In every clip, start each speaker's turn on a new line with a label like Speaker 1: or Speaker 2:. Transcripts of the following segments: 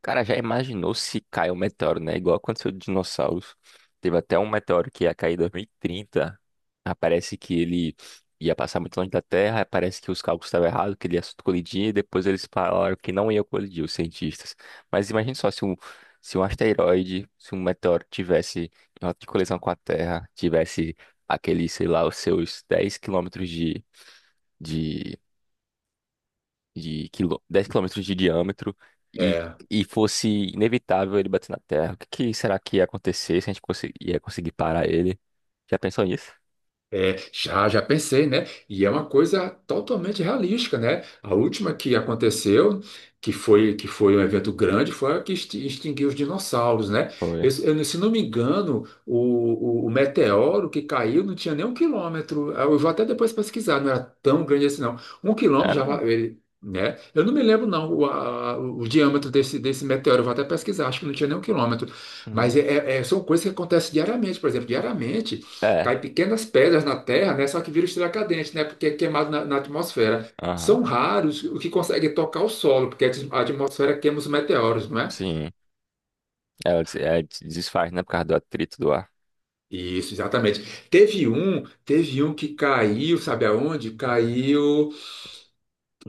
Speaker 1: Cara, já imaginou se cai um meteoro, né? Igual aconteceu com dinossauros. Teve até um meteoro que ia cair em 2030. Ah, parece que ele ia passar muito longe da Terra. Aí parece que os cálculos estavam errados, que ele ia colidir. E depois eles falaram que não ia colidir, os cientistas. Mas imagine só se um asteroide, se um meteoro tivesse em rota de colisão com a Terra, tivesse aquele, sei lá, os seus de 10 quilômetros de diâmetro e,
Speaker 2: É,
Speaker 1: e fosse inevitável ele bater na Terra, o que, que será que ia acontecer se a gente ia conseguir parar ele? Já pensou nisso?
Speaker 2: é, já pensei, né? E é uma coisa totalmente realística, né? A última que aconteceu, que foi um evento grande, foi a que extinguiu os dinossauros, né?
Speaker 1: Foi.
Speaker 2: Eu, Se não me engano, o meteoro que caiu não tinha nem 1 quilômetro. Eu vou até depois pesquisar, não era tão grande assim, não. Um
Speaker 1: É,
Speaker 2: quilômetro já,
Speaker 1: né?
Speaker 2: ele, né? Eu não me lembro, não, o diâmetro desse meteoro. Eu vou até pesquisar, acho que não tinha nem um quilômetro.
Speaker 1: Hum.
Speaker 2: Mas são coisas que acontecem diariamente, por exemplo, diariamente.
Speaker 1: É,
Speaker 2: Cai pequenas pedras na Terra, né? Só que vira estrela cadente, né? Porque é queimado na atmosfera.
Speaker 1: aham,
Speaker 2: São raros o que consegue tocar o solo, porque a atmosfera queima os meteoros, não é?
Speaker 1: sim. É, desfaz, né, por causa do atrito do ar.
Speaker 2: Isso, exatamente. Teve um que caiu, sabe aonde? Caiu,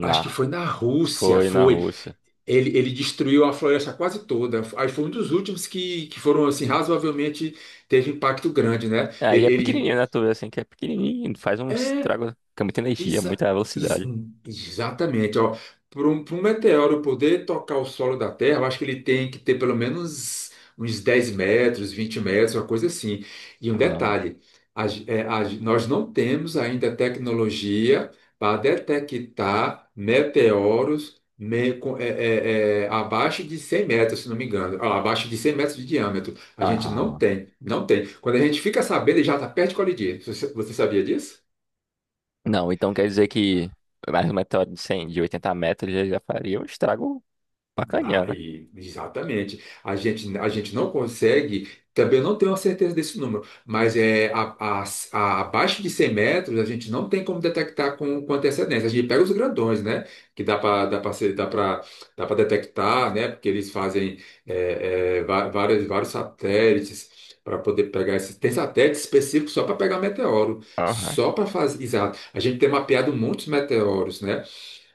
Speaker 2: acho que foi na Rússia,
Speaker 1: Foi na
Speaker 2: foi.
Speaker 1: Rússia.
Speaker 2: Ele destruiu a floresta quase toda. Aí foi um dos últimos que foram, assim, razoavelmente, teve impacto grande, né?
Speaker 1: Aí é pequenininho, né, tu vê assim, que é pequenininho, faz um
Speaker 2: É.
Speaker 1: estrago, fica muita energia,
Speaker 2: Exa-
Speaker 1: muita
Speaker 2: ex-
Speaker 1: velocidade.
Speaker 2: Exatamente, ó. Para um, pra um meteoro poder tocar o solo da Terra, eu acho que ele tem que ter pelo menos uns 10 metros, 20 metros, uma coisa assim. E um
Speaker 1: Ah,
Speaker 2: detalhe, a ge- é, a ge- nós não temos ainda tecnologia para detectar meteoros abaixo de 100 metros, se não me engano, ah, abaixo de 100 metros de diâmetro. A gente não
Speaker 1: ah.
Speaker 2: tem, não tem. Quando a gente fica sabendo, ele já está perto de colidir. Você sabia disso?
Speaker 1: Não, então quer dizer que mais um meteoro de 100, de 80 metros, ele já faria um estrago. Bacaninha, né?
Speaker 2: Aí, exatamente. A gente não consegue, também não tenho a certeza desse número, mas a- abaixo de 100 metros a gente não tem como detectar com antecedência. A gente pega os grandões, né? Que dá para dá para detectar, né? Porque eles fazem várias, vários satélites para poder pegar esses. Tem satélites específicos só para pegar meteoro,
Speaker 1: Aham.
Speaker 2: só para fazer. Exato. A gente tem mapeado muitos meteoros, né?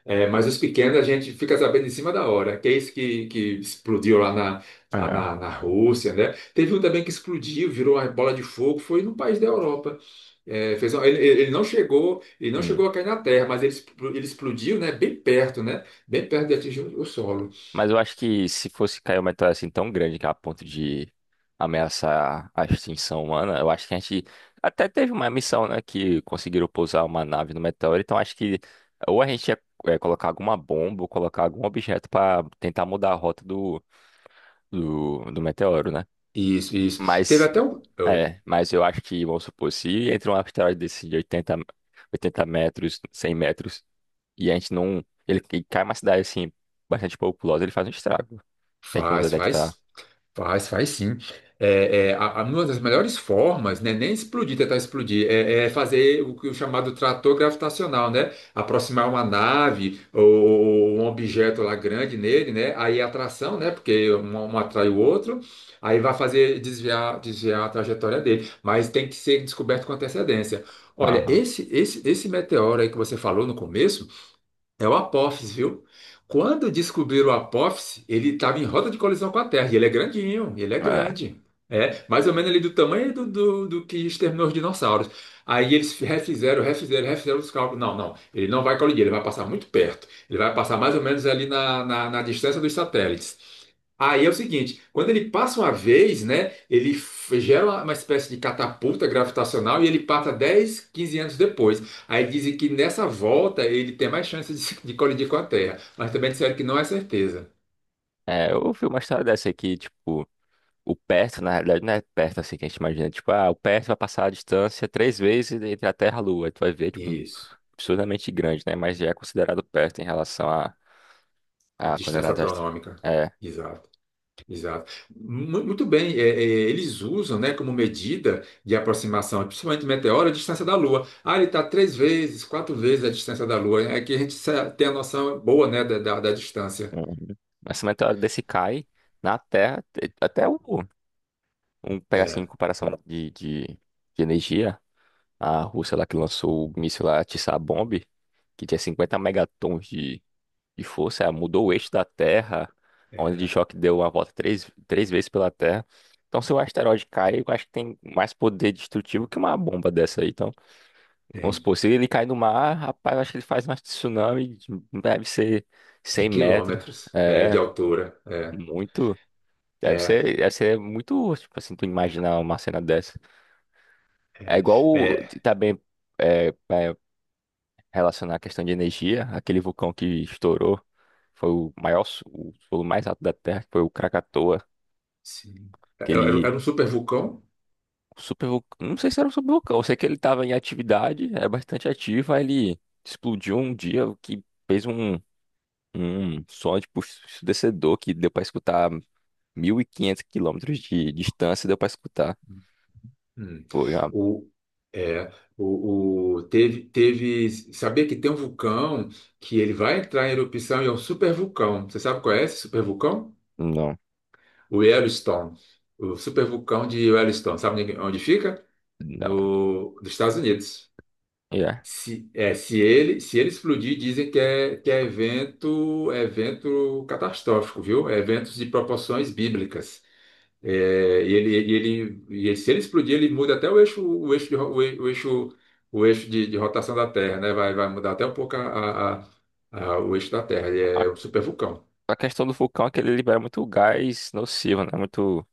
Speaker 2: É, mas os pequenos a gente fica sabendo em cima da hora, que é isso que explodiu lá na, lá
Speaker 1: É.
Speaker 2: na, na Rússia, né? Teve um também que explodiu, virou uma bola de fogo, foi num país da Europa. É, fez um- ele ele não
Speaker 1: Hum.
Speaker 2: chegou a cair na terra, mas ele explodiu, né? Bem perto, né? Bem perto de atingir o solo.
Speaker 1: Mas eu acho que se fosse cair uma meteora assim tão grande que é a ponto de ameaçar a extinção humana, eu acho que a gente até teve uma missão, né, que conseguiram pousar uma nave no meteoro, então acho que ou a gente ia colocar alguma bomba ou colocar algum objeto para tentar mudar a rota do meteoro, né?
Speaker 2: Isso, isso. Teve
Speaker 1: Mas,
Speaker 2: até um. Oi.
Speaker 1: mas eu acho que, vamos supor, se entra um asteroide desse de 80 metros, 100 metros, e a gente não. Ele cai uma cidade assim, bastante populosa, ele faz um estrago. Se a gente não
Speaker 2: Faz,
Speaker 1: detectar.
Speaker 2: faz. Faz, faz sim. Uma das melhores formas, né, nem explodir, tentar explodir, é fazer o, que o chamado trator gravitacional, né? Aproximar uma nave ou um objeto lá grande nele, né? Aí a atração, né? Porque um atrai o outro, aí vai fazer desviar, a trajetória dele. Mas tem que ser descoberto com antecedência. Olha,
Speaker 1: Aham.
Speaker 2: esse meteoro aí que você falou no começo. É o Apófis, viu? Quando descobriram o Apófis, ele estava em rota de colisão com a Terra. E ele é grandinho, ele é
Speaker 1: É.
Speaker 2: grande. É, mais ou menos ali do tamanho do que exterminou os dinossauros. Aí eles refizeram os cálculos. Não, não, ele não vai colidir, ele vai passar muito perto. Ele vai passar mais ou menos ali na distância dos satélites. Aí é o seguinte, quando ele passa uma vez, né, gera uma espécie de catapulta gravitacional e ele passa 10, 15 anos depois. Aí dizem que nessa volta ele tem mais chance de colidir com a Terra, mas também disseram que não é certeza.
Speaker 1: É, eu ouvi uma história dessa aqui, tipo, o perto, na realidade, não é perto assim que a gente imagina. Tipo, ah, o perto vai passar a distância três vezes entre a Terra e a Lua. Tu vai ver, tipo, um
Speaker 2: Isso.
Speaker 1: absurdamente grande, né? Mas já é considerado perto em relação a
Speaker 2: Distância
Speaker 1: coordenadas astrais.
Speaker 2: astronômica.
Speaker 1: É.
Speaker 2: Exato, exato. Muito bem, eles usam, né, como medida de aproximação, principalmente meteoro, a distância da Lua. Ah, ele está três vezes, quatro vezes a distância da Lua. É que tem a noção boa, né, da distância.
Speaker 1: Uhum. Mas uma meteoro desse cai na Terra, até o. Um pegar assim, em
Speaker 2: É,
Speaker 1: comparação de energia. A Rússia lá que lançou o míssil lá tsar que tinha 50 megatons de força, ah, mudou o eixo da Terra, onde de
Speaker 2: é,
Speaker 1: choque deu uma volta três vezes pela Terra. Então, se o asteroide cai, eu acho que tem mais poder destrutivo que uma bomba dessa aí. Então, vamos
Speaker 2: tem.
Speaker 1: supor, se ele cai no mar, rapaz, eu acho que ele faz um tsunami, deve ser
Speaker 2: De
Speaker 1: 100 metros.
Speaker 2: quilômetros, de
Speaker 1: É,
Speaker 2: altura. É,
Speaker 1: muito.
Speaker 2: é,
Speaker 1: Deve ser muito, tipo assim, tu imaginar uma cena dessa. É
Speaker 2: é,
Speaker 1: igual,
Speaker 2: é.
Speaker 1: tá bem relacionar a questão de energia, aquele vulcão que estourou foi o maior, o solo mais alto da Terra, que foi o Krakatoa,
Speaker 2: Sim. Era,
Speaker 1: aquele
Speaker 2: era um super vulcão?
Speaker 1: super, não sei se era um super vulcão, eu sei que ele estava em atividade, é bastante ativo, aí ele explodiu um dia, o que fez um som tipo ensurdecedor que deu para escutar 1.500 quilômetros de distância, deu para escutar.
Speaker 2: Hum.
Speaker 1: Foi uma.
Speaker 2: O, é, o- teve, teve, sabia que tem um vulcão que ele vai entrar em erupção e é um supervulcão. Você sabe qual é esse supervulcão?
Speaker 1: Não,
Speaker 2: O Yellowstone. O supervulcão de Yellowstone. Sabe onde fica?
Speaker 1: não,
Speaker 2: No, Dos Estados Unidos.
Speaker 1: yeah.
Speaker 2: Se ele explodir, dizem que é, evento, é evento catastrófico, viu? É eventos de proporções bíblicas. É, Se ele explodir, ele muda até o eixo de, ro- o e- o eixo de rotação da Terra, né? Vai mudar até um pouco o eixo da Terra. Ele
Speaker 1: A,
Speaker 2: é um super vulcão.
Speaker 1: a questão do vulcão é que ele libera muito gás nocivo, né? Muito.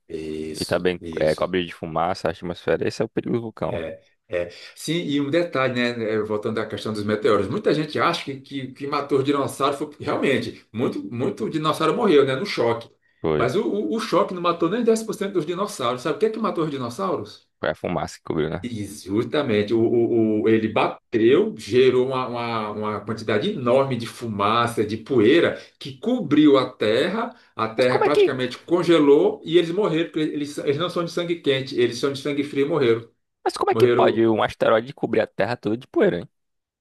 Speaker 1: E
Speaker 2: Isso,
Speaker 1: também é,
Speaker 2: isso.
Speaker 1: cobre de fumaça, a atmosfera. Esse é o perigo do vulcão.
Speaker 2: É, é. Sim, e um detalhe, né? Voltando à questão dos meteoros, muita gente acha que matou os dinossauros. Foi, realmente, muito, muito dinossauro morreu, né? No choque.
Speaker 1: Foi,
Speaker 2: Mas o choque não matou nem 10% dos dinossauros. Sabe o que é que matou os dinossauros?
Speaker 1: foi a fumaça que cobriu, né?
Speaker 2: E justamente, ele bateu, gerou uma quantidade enorme de fumaça, de poeira, que cobriu a
Speaker 1: Mas
Speaker 2: terra
Speaker 1: como é que,
Speaker 2: praticamente congelou e eles morreram, porque eles não são de sangue quente, eles são de sangue frio e morreram.
Speaker 1: mas como é que pode
Speaker 2: Morreram
Speaker 1: um asteroide cobrir a Terra toda de poeira, hein?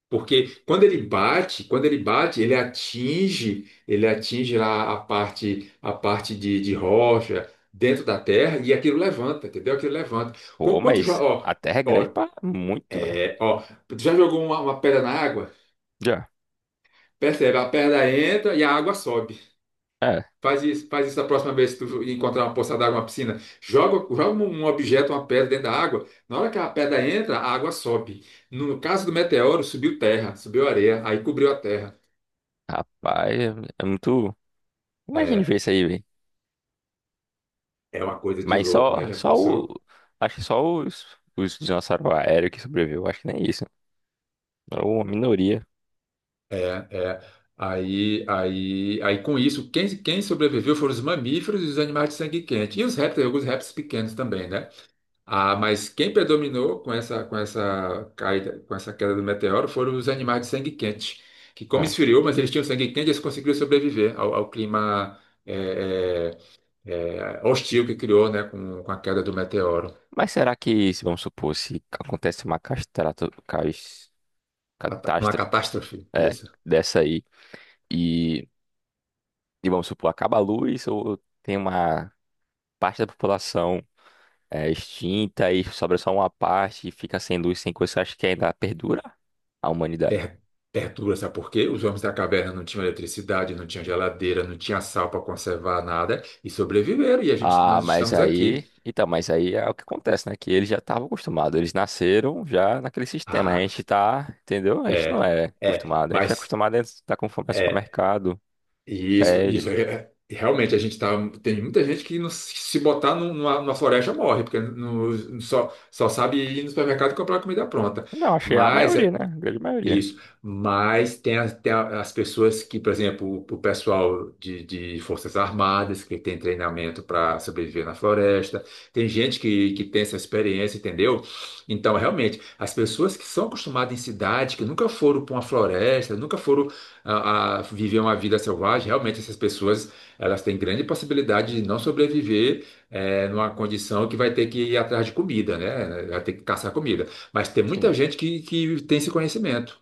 Speaker 2: porque quando ele bate, ele atinge lá a parte de rocha dentro da terra e aquilo levanta, entendeu? Aquilo levanta.
Speaker 1: Pô,
Speaker 2: Qu- Quanto, jo-
Speaker 1: mas
Speaker 2: ó,
Speaker 1: a Terra é grande
Speaker 2: ó,
Speaker 1: pra muito, velho.
Speaker 2: é, ó, tu já jogou uma pedra na água?
Speaker 1: Já.
Speaker 2: Percebe? A perna entra e a água sobe.
Speaker 1: É,
Speaker 2: Faz isso da próxima vez que tu encontrar uma poça d'água, uma piscina. Joga um objeto, uma pedra dentro da água. Na hora que a pedra entra, a água sobe. No caso do meteoro, subiu terra, subiu areia, aí cobriu a terra.
Speaker 1: rapaz, é muito. Imagine
Speaker 2: É,
Speaker 1: ver isso aí, velho.
Speaker 2: é uma coisa de
Speaker 1: Mas
Speaker 2: louco, né? Já
Speaker 1: só o.
Speaker 2: pensou?
Speaker 1: Acho que só os dinossauros aéreos que sobreviveu. Acho que nem isso. É uma minoria.
Speaker 2: É, é. Aí com isso, quem sobreviveu foram os mamíferos e os animais de sangue quente. E os répteis, alguns répteis pequenos também, né? Ah, mas quem predominou com essa caída, com essa queda do meteoro foram os animais de sangue quente, que como
Speaker 1: É.
Speaker 2: esfriou, mas eles tinham sangue quente, eles conseguiram sobreviver ao clima eh, hostil que criou, né, com a queda do meteoro,
Speaker 1: Mas será que, se vamos supor, se acontece uma
Speaker 2: com a
Speaker 1: catástrofe,
Speaker 2: catástrofe.
Speaker 1: é,
Speaker 2: Isso.
Speaker 1: dessa aí. E, e vamos supor, acaba a luz ou tem uma parte da população extinta e sobra só uma parte e fica sem luz, sem coisa, você acha que ainda perdura a humanidade?
Speaker 2: per- Perturba, sabe por quê? Os homens da caverna não tinham eletricidade, não tinham geladeira, não tinha sal para conservar nada e sobreviveram. E a gente,
Speaker 1: Ah,
Speaker 2: nós
Speaker 1: mas
Speaker 2: estamos aqui.
Speaker 1: aí. Então, mas aí é o que acontece, né? Que eles já estavam acostumados. Eles nasceram já naquele sistema. A
Speaker 2: Ah,
Speaker 1: gente tá, entendeu? A gente não
Speaker 2: é,
Speaker 1: é
Speaker 2: é,
Speaker 1: acostumado. A gente é
Speaker 2: mas
Speaker 1: acostumado a estar com fome no
Speaker 2: é
Speaker 1: supermercado,
Speaker 2: isso,
Speaker 1: pede.
Speaker 2: isso realmente a gente tá. Tem muita gente que não se botar numa floresta morre, porque não, só sabe ir no supermercado e comprar comida pronta.
Speaker 1: Não, achei a
Speaker 2: Mas
Speaker 1: maioria,
Speaker 2: é
Speaker 1: né? A grande maioria.
Speaker 2: Isso, mas tem, as tem a- as pessoas que, por exemplo, o pessoal de Forças Armadas, que tem treinamento para sobreviver na floresta, tem gente que tem essa experiência, entendeu? Então, realmente, as pessoas que são acostumadas em cidade, que nunca foram para uma floresta, nunca foram a viver uma vida selvagem, realmente essas pessoas elas têm grande possibilidade de não sobreviver numa condição que vai ter que ir atrás de comida, né? Vai ter que caçar comida. Mas tem
Speaker 1: Sim.
Speaker 2: muita gente que tem esse conhecimento,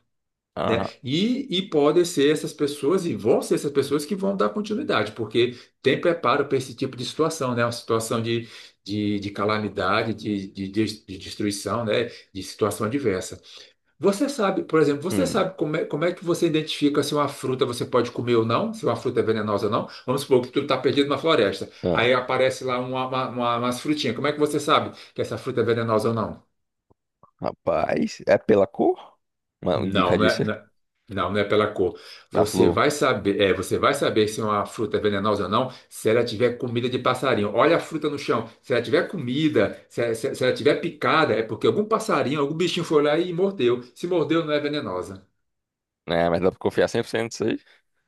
Speaker 2: né?
Speaker 1: Aham.
Speaker 2: E podem ser essas pessoas, e vão ser essas pessoas que vão dar continuidade, porque tem preparo para esse tipo de situação, né? Uma situação de calamidade, de destruição, né? De situação adversa. Você sabe, por exemplo, você
Speaker 1: Hum.
Speaker 2: sabe como é que você identifica se uma fruta você pode comer ou não, se uma fruta é venenosa ou não? Vamos supor que tu está perdido na floresta,
Speaker 1: Ah,
Speaker 2: aí aparece lá umas frutinhas. Como é que você sabe que essa fruta é venenosa ou não?
Speaker 1: rapaz, é pela cor? Uma indica
Speaker 2: Não, não é, não, é, não, não é pela cor.
Speaker 1: Da
Speaker 2: Você
Speaker 1: Flu.
Speaker 2: vai saber, é, você vai saber se uma fruta é venenosa ou não se ela tiver comida de passarinho. Olha a fruta no chão. Se ela tiver comida, se ela tiver picada, é porque algum passarinho, algum bichinho foi lá e mordeu. Se mordeu, não é venenosa.
Speaker 1: Né? Mas dá pra confiar 100% nisso aí?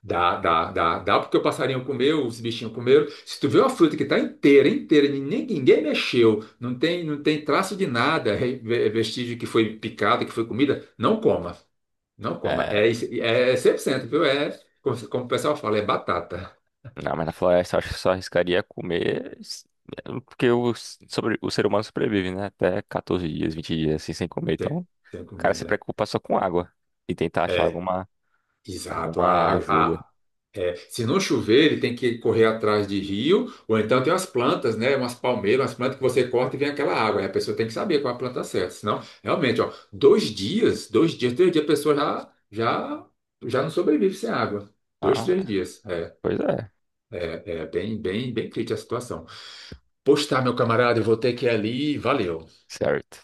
Speaker 2: Dá, dá, dá. Dá porque o passarinho comeu, os bichinhos comeram. Se tu vê uma fruta que está inteira, inteira, e ninguém mexeu, não tem traço de nada, vestígio que foi picada, que foi comida, não coma. Não coma. É,
Speaker 1: É,
Speaker 2: isso- é 100%, viu? Como o pessoal fala, é batata.
Speaker 1: não, mas na floresta eu acho que só arriscaria comer. É, porque o ser humano sobrevive, né? Até 14 dias, 20 dias assim sem comer.
Speaker 2: Tem,
Speaker 1: Então, o
Speaker 2: tem que
Speaker 1: cara
Speaker 2: comer,
Speaker 1: se
Speaker 2: né?
Speaker 1: preocupa só com água e tentar achar
Speaker 2: É, exato. A,
Speaker 1: alguma
Speaker 2: água-
Speaker 1: ajuda.
Speaker 2: a, é, Se não chover, ele tem que correr atrás de rio, ou então tem umas plantas, né? Umas palmeiras, umas plantas que você corta e vem aquela água. Aí a pessoa tem que saber qual é a planta certa. Senão, realmente, ó, 2 dias, 2 dias, 3 dias, a pessoa já não sobrevive sem água. Dois,
Speaker 1: Ah,
Speaker 2: três dias.
Speaker 1: pois é,
Speaker 2: É bem, bem, bem crítica a situação. Pois tá, meu camarada, eu vou ter que ir ali. Valeu.
Speaker 1: certo.